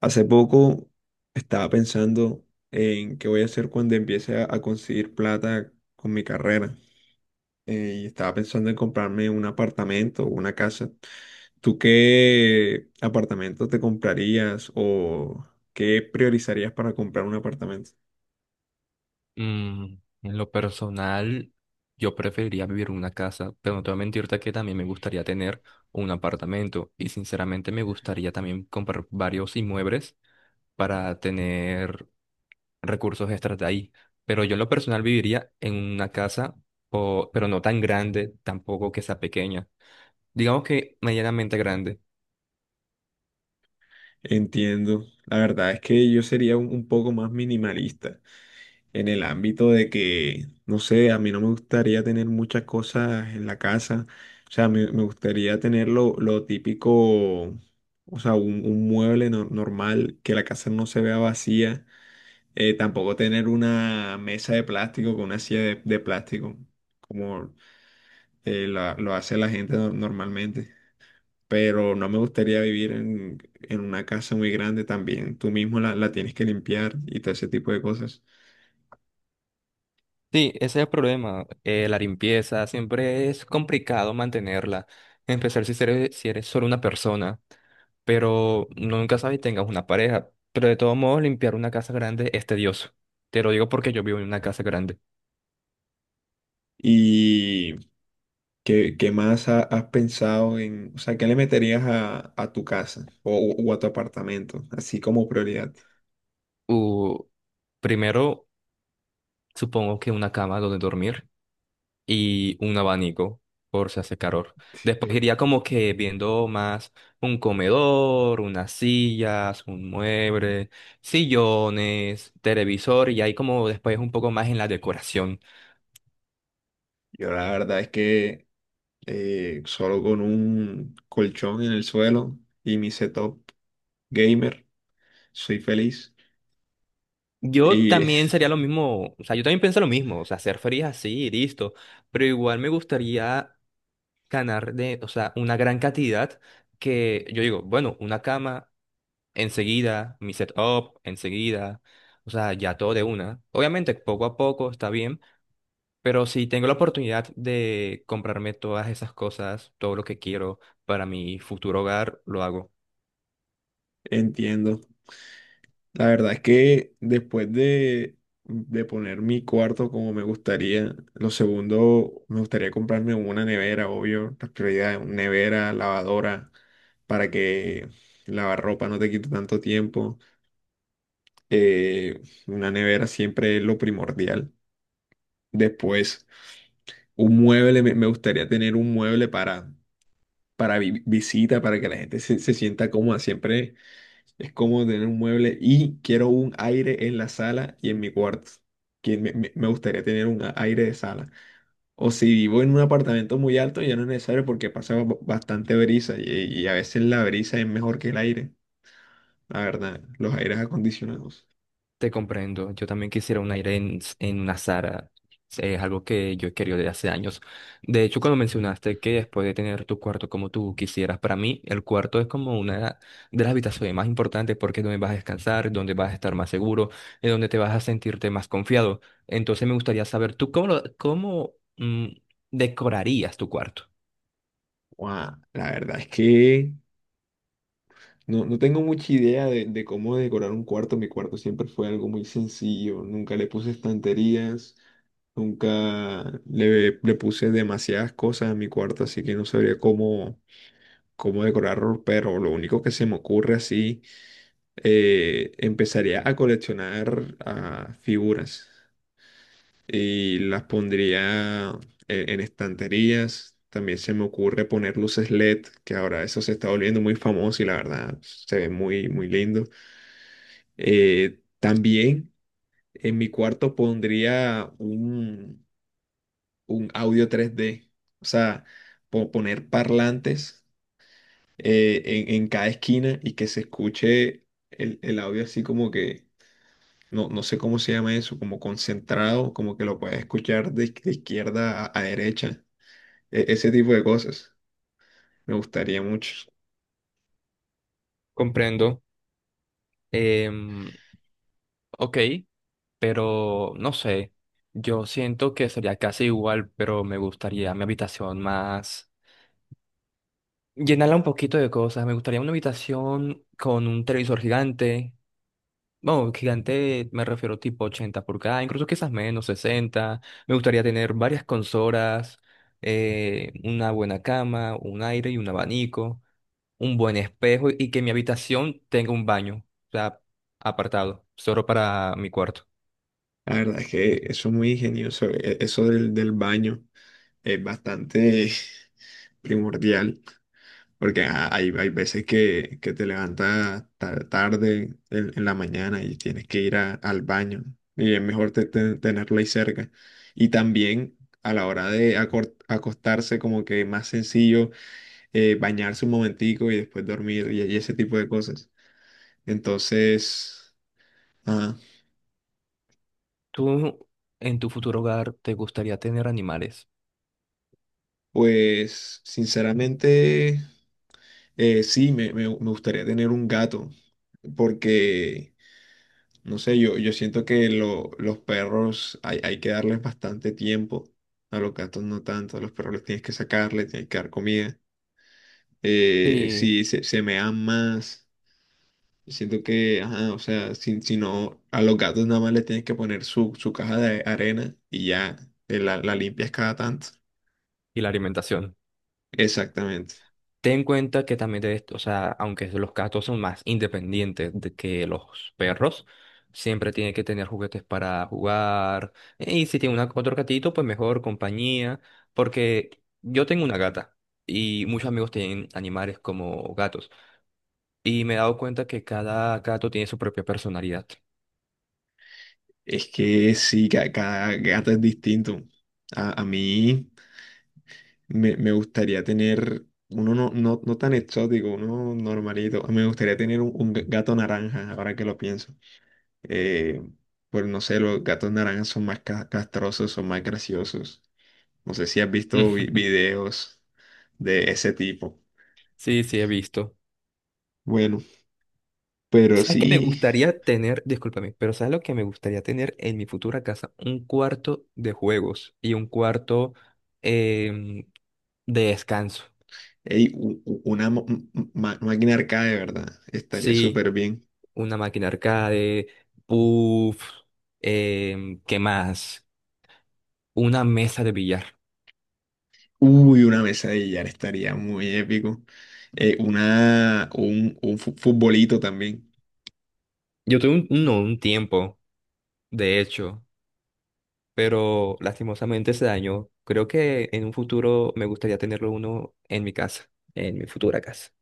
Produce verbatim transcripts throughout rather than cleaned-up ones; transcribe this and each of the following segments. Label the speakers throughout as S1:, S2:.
S1: Hace poco estaba pensando en qué voy a hacer cuando empiece a, a conseguir plata con mi carrera. Eh, y estaba pensando en comprarme un apartamento o una casa. ¿Tú qué apartamento te comprarías o qué priorizarías para comprar un apartamento?
S2: Mm, en lo personal, yo preferiría vivir en una casa, pero no te voy a mentirte que también me gustaría tener un apartamento y sinceramente me gustaría también comprar varios inmuebles para tener recursos extras de ahí. Pero yo en lo personal viviría en una casa, o- pero no tan grande, tampoco que sea pequeña. Digamos que medianamente grande.
S1: Entiendo. La verdad es que yo sería un, un poco más minimalista, en el ámbito de que, no sé, a mí no me gustaría tener muchas cosas en la casa. O sea, me, me gustaría tener lo, lo típico, o sea, un, un mueble no- normal, que la casa no se vea vacía. Eh, tampoco tener una mesa de plástico con una silla de, de plástico, como eh, la- lo hace la gente no- normalmente. Pero no me gustaría vivir en, en una casa muy grande también. Tú mismo la, la tienes que limpiar y todo ese tipo de cosas.
S2: Sí, ese es el problema. Eh, la limpieza siempre es complicado mantenerla. Empezar si eres, si eres solo una persona. Pero uno nunca sabes si tengas una pareja. Pero de todos modos, limpiar una casa grande es tedioso. Te lo digo porque yo vivo en una casa grande.
S1: Y ¿Qué, qué más ha- has pensado en, o sea, qué le meterías a, a tu casa o, o a tu apartamento, así como prioridad?
S2: Uh, Primero, supongo que una cama donde dormir y un abanico por si hace calor. Después iría como que viendo más un comedor, unas sillas, un mueble, sillones, televisor y ahí como después un poco más en la decoración.
S1: Yo la verdad es que eh, solo con un colchón en el suelo y mi setup gamer, soy feliz
S2: Yo
S1: y
S2: también sería lo mismo, o sea, yo también pienso lo mismo, o sea, ser feliz así y listo, pero igual me gustaría ganar de, o sea, una gran cantidad que yo digo, bueno, una cama enseguida, mi setup enseguida, o sea, ya todo de una. Obviamente, poco a poco está bien, pero si tengo la oportunidad de comprarme todas esas cosas, todo lo que quiero para mi futuro hogar, lo hago.
S1: entiendo. La verdad es que después de, de poner mi cuarto como me gustaría, lo segundo, me gustaría comprarme una nevera, obvio, la prioridad, una nevera, lavadora, para que lavar ropa no te quite tanto tiempo. Eh, una nevera siempre es lo primordial. Después, un mueble, me, me gustaría tener un mueble para, para vi- visita, para que la gente se, se sienta cómoda siempre. Es como tener un mueble y quiero un aire en la sala y en mi cuarto. Que me, me- me gustaría tener un a- aire de sala. O si vivo en un apartamento muy alto, ya no es necesario porque pasa ba- bastante brisa y, y a veces la brisa es mejor que el aire, la verdad, los aires acondicionados.
S2: Te comprendo. Yo también quisiera un aire en, en una Zara. Es algo que yo he querido desde hace años. De hecho, cuando mencionaste que después de tener tu cuarto como tú quisieras, para mí el cuarto es como una de las habitaciones más importantes porque es donde vas a descansar, donde vas a estar más seguro, es donde te vas a sentirte más confiado. Entonces me gustaría saber tú cómo, lo- cómo mm, decorarías tu cuarto.
S1: Guau, la verdad es que no, no tengo mucha idea de, de cómo decorar un cuarto. Mi cuarto siempre fue algo muy sencillo. Nunca le puse estanterías, nunca le, le puse demasiadas cosas a mi cuarto, así que no sabría cómo, cómo decorarlo. Pero lo único que se me ocurre así, eh, empezaría a coleccionar ah, figuras y las pondría en, en estanterías. También se me ocurre poner luces L E D, que ahora eso se está volviendo muy famoso y la verdad se ve muy, muy lindo. Eh, también en mi cuarto pondría un, un audio tres d, o sea, po- poner parlantes eh, en, en cada esquina y que se escuche el, el audio así como que, no, no sé cómo se llama eso, como concentrado, como que lo puedes escuchar de, de izquierda a, a derecha, e- ese tipo de cosas. Me gustaría mucho.
S2: Comprendo. Em, ok. Pero no sé, yo siento que sería casi igual, pero me gustaría mi habitación más, llenarla un poquito de cosas, me gustaría una habitación con un televisor gigante, bueno, gigante me refiero tipo ochenta pulgadas, incluso quizás menos, sesenta, me gustaría tener varias consolas, eh, una buena cama, un aire y un abanico, un buen espejo y que mi habitación tenga un baño, o sea, apartado, solo para mi cuarto.
S1: La verdad es que eso es muy ingenioso, e- eso del, del baño es bastante primordial. Porque ajá, hay, hay veces que, que te levantas ta- tarde en, en la mañana y tienes que ir a- al baño y es mejor te- te- tenerlo ahí cerca. Y también a la hora de acor- acostarse como que más sencillo, eh, bañarse un momentico y después dormir y, y ese tipo de cosas. Entonces, ajá,
S2: ¿Tú en tu futuro hogar te gustaría tener animales?
S1: pues sinceramente, eh, sí, me, me me gustaría tener un gato porque... no sé, yo, yo siento que lo- los perros hay, hay que darles bastante tiempo, a los gatos no tanto, a los perros les tienes que sacar, les tienes que dar comida. Eh,
S2: Sí.
S1: si se, se mean más, siento que, ajá, o sea, si, si no, a los gatos nada más les tienes que poner su, su caja de arena y ya, eh, la, la limpias cada tanto.
S2: Y la alimentación.
S1: Exactamente.
S2: Ten en cuenta que también, de esto, o sea, aunque los gatos son más independientes de que los perros, siempre tienen que tener juguetes para jugar. Y si tiene una, otro gatito, pues mejor compañía. Porque yo tengo una gata y muchos amigos tienen animales como gatos. Y me he dado cuenta que cada gato tiene su propia personalidad.
S1: Es que sí, ca- cada, gato es distinto. A, a mí me, me gustaría tener uno no, no, no tan exótico, uno normalito. Me gustaría tener un, un gato naranja, ahora que lo pienso. Eh, pues no sé, los gatos naranjas son más ca- castrosos, son más graciosos. No sé si has visto vi- videos de ese tipo.
S2: Sí, sí, he visto.
S1: Bueno, pero
S2: ¿Sabes qué me
S1: sí,
S2: gustaría tener? Discúlpame, pero ¿sabes lo que me gustaría tener en mi futura casa? Un cuarto de juegos y un cuarto em, de descanso.
S1: ey, u- u- una mo- m- ma- máquina arcade, ¿verdad? Estaría
S2: Sí,
S1: súper bien.
S2: una máquina arcade, puff, em, ¿qué más? Una mesa de billar.
S1: Uy, una mesa de billar estaría muy épico. Eh, una, un, un fu- futbolito también.
S2: Yo tuve un, no, un tiempo, de hecho, pero lastimosamente se dañó. Creo que en un futuro me gustaría tenerlo uno en mi casa, en mi futura casa.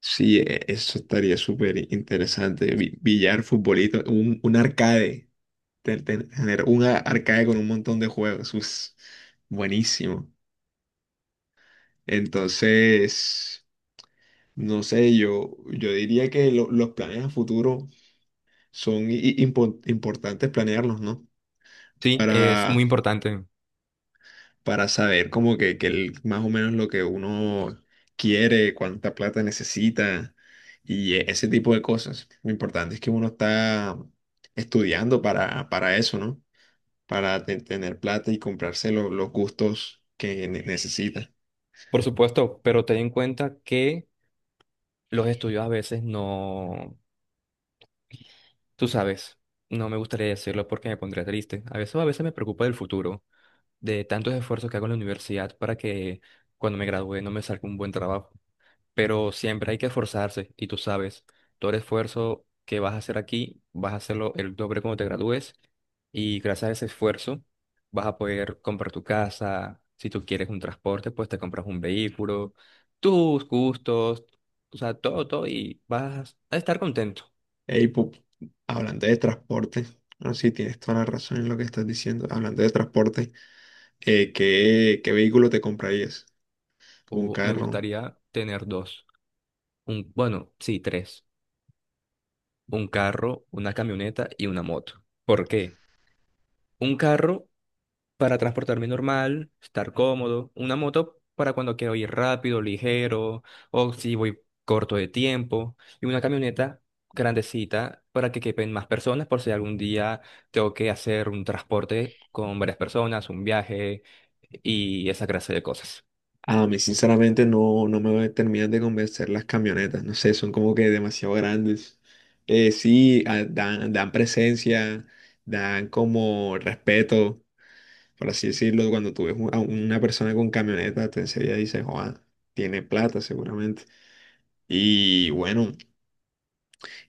S1: Sí, e- eso estaría súper interesante. Vi- Billar, futbolito, un, un arcade. te- te- Tener un a- arcade con un montón de juegos. Us, buenísimo. Entonces, no sé, yo, yo diría que lo- los planes a futuro son i- i- impo- importantes planearlos, ¿no?
S2: Sí, es muy
S1: Para
S2: importante.
S1: para saber como que, que el- más o menos lo que uno quiere, cuánta plata necesita y e- ese tipo de cosas. Lo importante es que uno está estudiando para, para eso, ¿no? Para te- tener plata y comprarse lo- los gustos que ne- necesita.
S2: Por supuesto, pero ten en cuenta que los estudios a veces no, tú sabes, no me gustaría decirlo porque me pondría triste. A veces, a veces me preocupa del futuro, de tantos esfuerzos que hago en la universidad para que cuando me gradúe no me salga un buen trabajo. Pero siempre hay que esforzarse y tú sabes, todo el esfuerzo que vas a hacer aquí, vas a hacerlo el doble cuando te gradúes y gracias a ese esfuerzo vas a poder comprar tu casa, si tú quieres un transporte, pues te compras un vehículo, tus gustos, o sea, todo, todo y vas a estar contento.
S1: Ey, pu- hablando de transporte, no, sí, tienes toda la razón en lo que estás diciendo. Hablando de transporte, eh, ¿qué, qué vehículo te comprarías? ¿Un
S2: O me
S1: carro?
S2: gustaría tener dos, un, bueno, sí, tres, un carro, una camioneta y una moto. ¿Por qué? Un carro para transportarme normal, estar cómodo. Una moto para cuando quiero ir rápido, ligero, o si voy corto de tiempo. Y una camioneta grandecita para que quepen más personas por si algún día tengo que hacer un transporte con varias personas, un viaje y esa clase de cosas.
S1: A mí sinceramente no, no me terminan de convencer las camionetas, no sé, son como que demasiado grandes. Eh, sí, ah, dan, dan presencia, dan como respeto, por así decirlo. Cuando tú ves un- a una persona con camioneta, te enseguida dices, joa, tiene plata seguramente. Y bueno,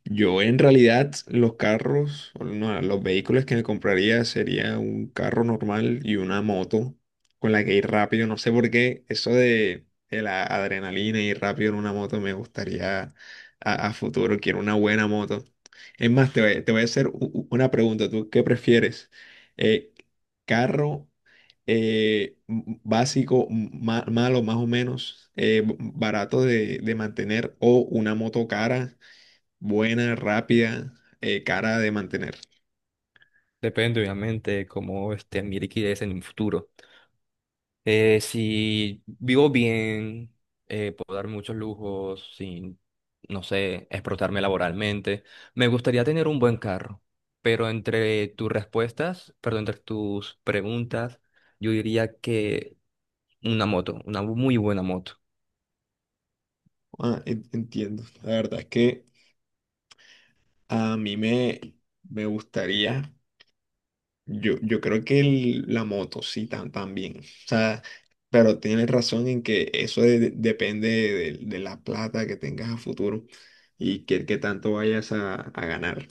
S1: yo en realidad los carros, o no, los vehículos que me compraría sería un carro normal y una moto con la que ir rápido. No sé por qué eso de, de la adrenalina y ir rápido en una moto me gustaría a, a futuro. Quiero una buena moto. Es más, te voy, te voy a hacer u- u- una pregunta. ¿Tú qué prefieres? Eh, ¿carro eh, m- básico, m- ma- malo más o menos, eh, b- barato de, de mantener o una moto cara, buena, rápida, eh, cara de mantener?
S2: Depende, obviamente, cómo esté mi liquidez en un futuro. Eh, si vivo bien, eh, puedo dar muchos lujos sin, no sé, explotarme laboralmente. Me gustaría tener un buen carro, pero entre tus respuestas, perdón, entre tus preguntas, yo diría que una moto, una muy buena moto.
S1: Ah, en- entiendo. La verdad es que a mí me, me gustaría, yo, yo creo que el- la moto sí tam- también. O sea, pero tienes razón en que eso de- depende de, de la plata que tengas a futuro y qué, qué tanto vayas a, a ganar.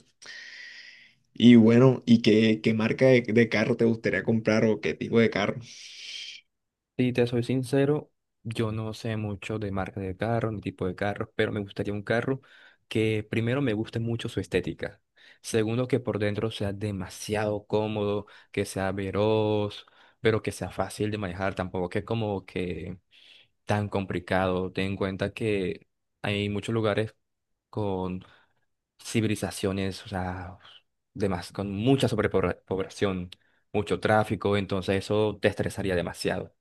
S1: Y bueno, ¿y qué, qué marca de, de carro te gustaría comprar o qué tipo de carro?
S2: Si te soy sincero, yo no sé mucho de marca de carro ni tipo de carros, pero me gustaría un carro que primero me guste mucho su estética. Segundo, que por dentro sea demasiado cómodo, que sea veloz, pero que sea fácil de manejar, tampoco que como que tan complicado. Ten en cuenta que hay muchos lugares con civilizaciones, o sea, demas- con mucha sobrepoblación, mucho tráfico, entonces eso te estresaría demasiado.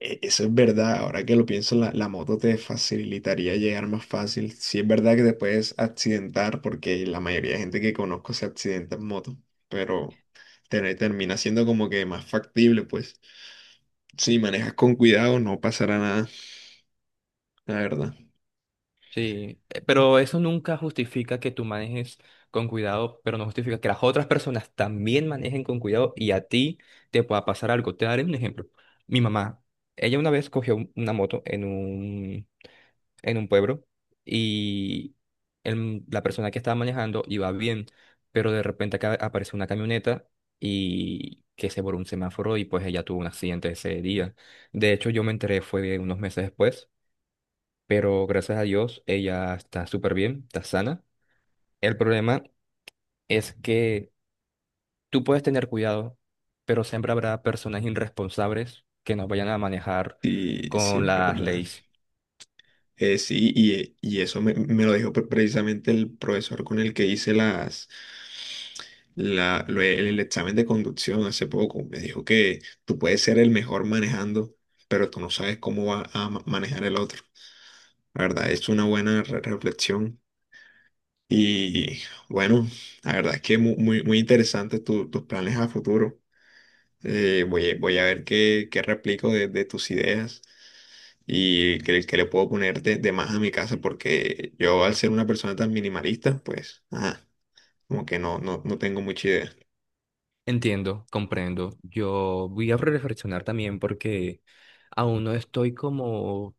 S1: E- Eso es verdad, ahora que lo pienso, la, la moto te facilitaría llegar más fácil. Sí es verdad que te puedes accidentar, porque la mayoría de gente que conozco se accidenta en moto, pero te- termina siendo como que más factible, pues. Si manejas con cuidado, no pasará nada, la verdad.
S2: Sí, eh, pero eso nunca justifica que tú manejes con cuidado, pero no justifica que las otras personas también manejen con cuidado y a ti te pueda pasar algo. Te daré un ejemplo. Mi mamá, ella una vez cogió un- una moto en un, en un pueblo y el- la persona que estaba manejando iba bien, pero de repente acá apareció una camioneta y que se voló un semáforo y pues ella tuvo un accidente ese día. De hecho, yo me enteré fue unos meses después, pero gracias a Dios ella está súper bien, está sana. El problema es que tú puedes tener cuidado, pero siempre habrá personas irresponsables que nos vayan a manejar
S1: Sí, sí
S2: con
S1: es
S2: las
S1: verdad.
S2: leyes.
S1: Eh, sí, y, eh, y eso me, me lo dijo pre- precisamente el profesor con el que hice las, la, lo- el, el examen de conducción hace poco. Me dijo que tú puedes ser el mejor manejando, pero tú no sabes cómo va a ma- manejar el otro. La verdad, es una buena re- reflexión. Y bueno, la verdad es que muy, muy, muy interesante tu- tus planes a futuro. Eh, voy, a- voy a ver qué, qué replico de de tus ideas y que, que le puedo poner de, de más a mi casa porque yo al ser una persona tan minimalista, pues, ajá, como que no, no, no tengo mucha idea.
S2: Entiendo, comprendo. Yo voy a reflexionar también porque aún no estoy como,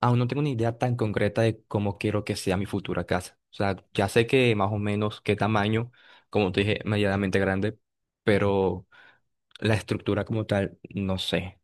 S2: aún no tengo una idea tan concreta de cómo quiero que sea mi futura casa. O sea, ya sé que más o menos qué tamaño, como te dije, medianamente grande, pero... La estructura como tal, no sé.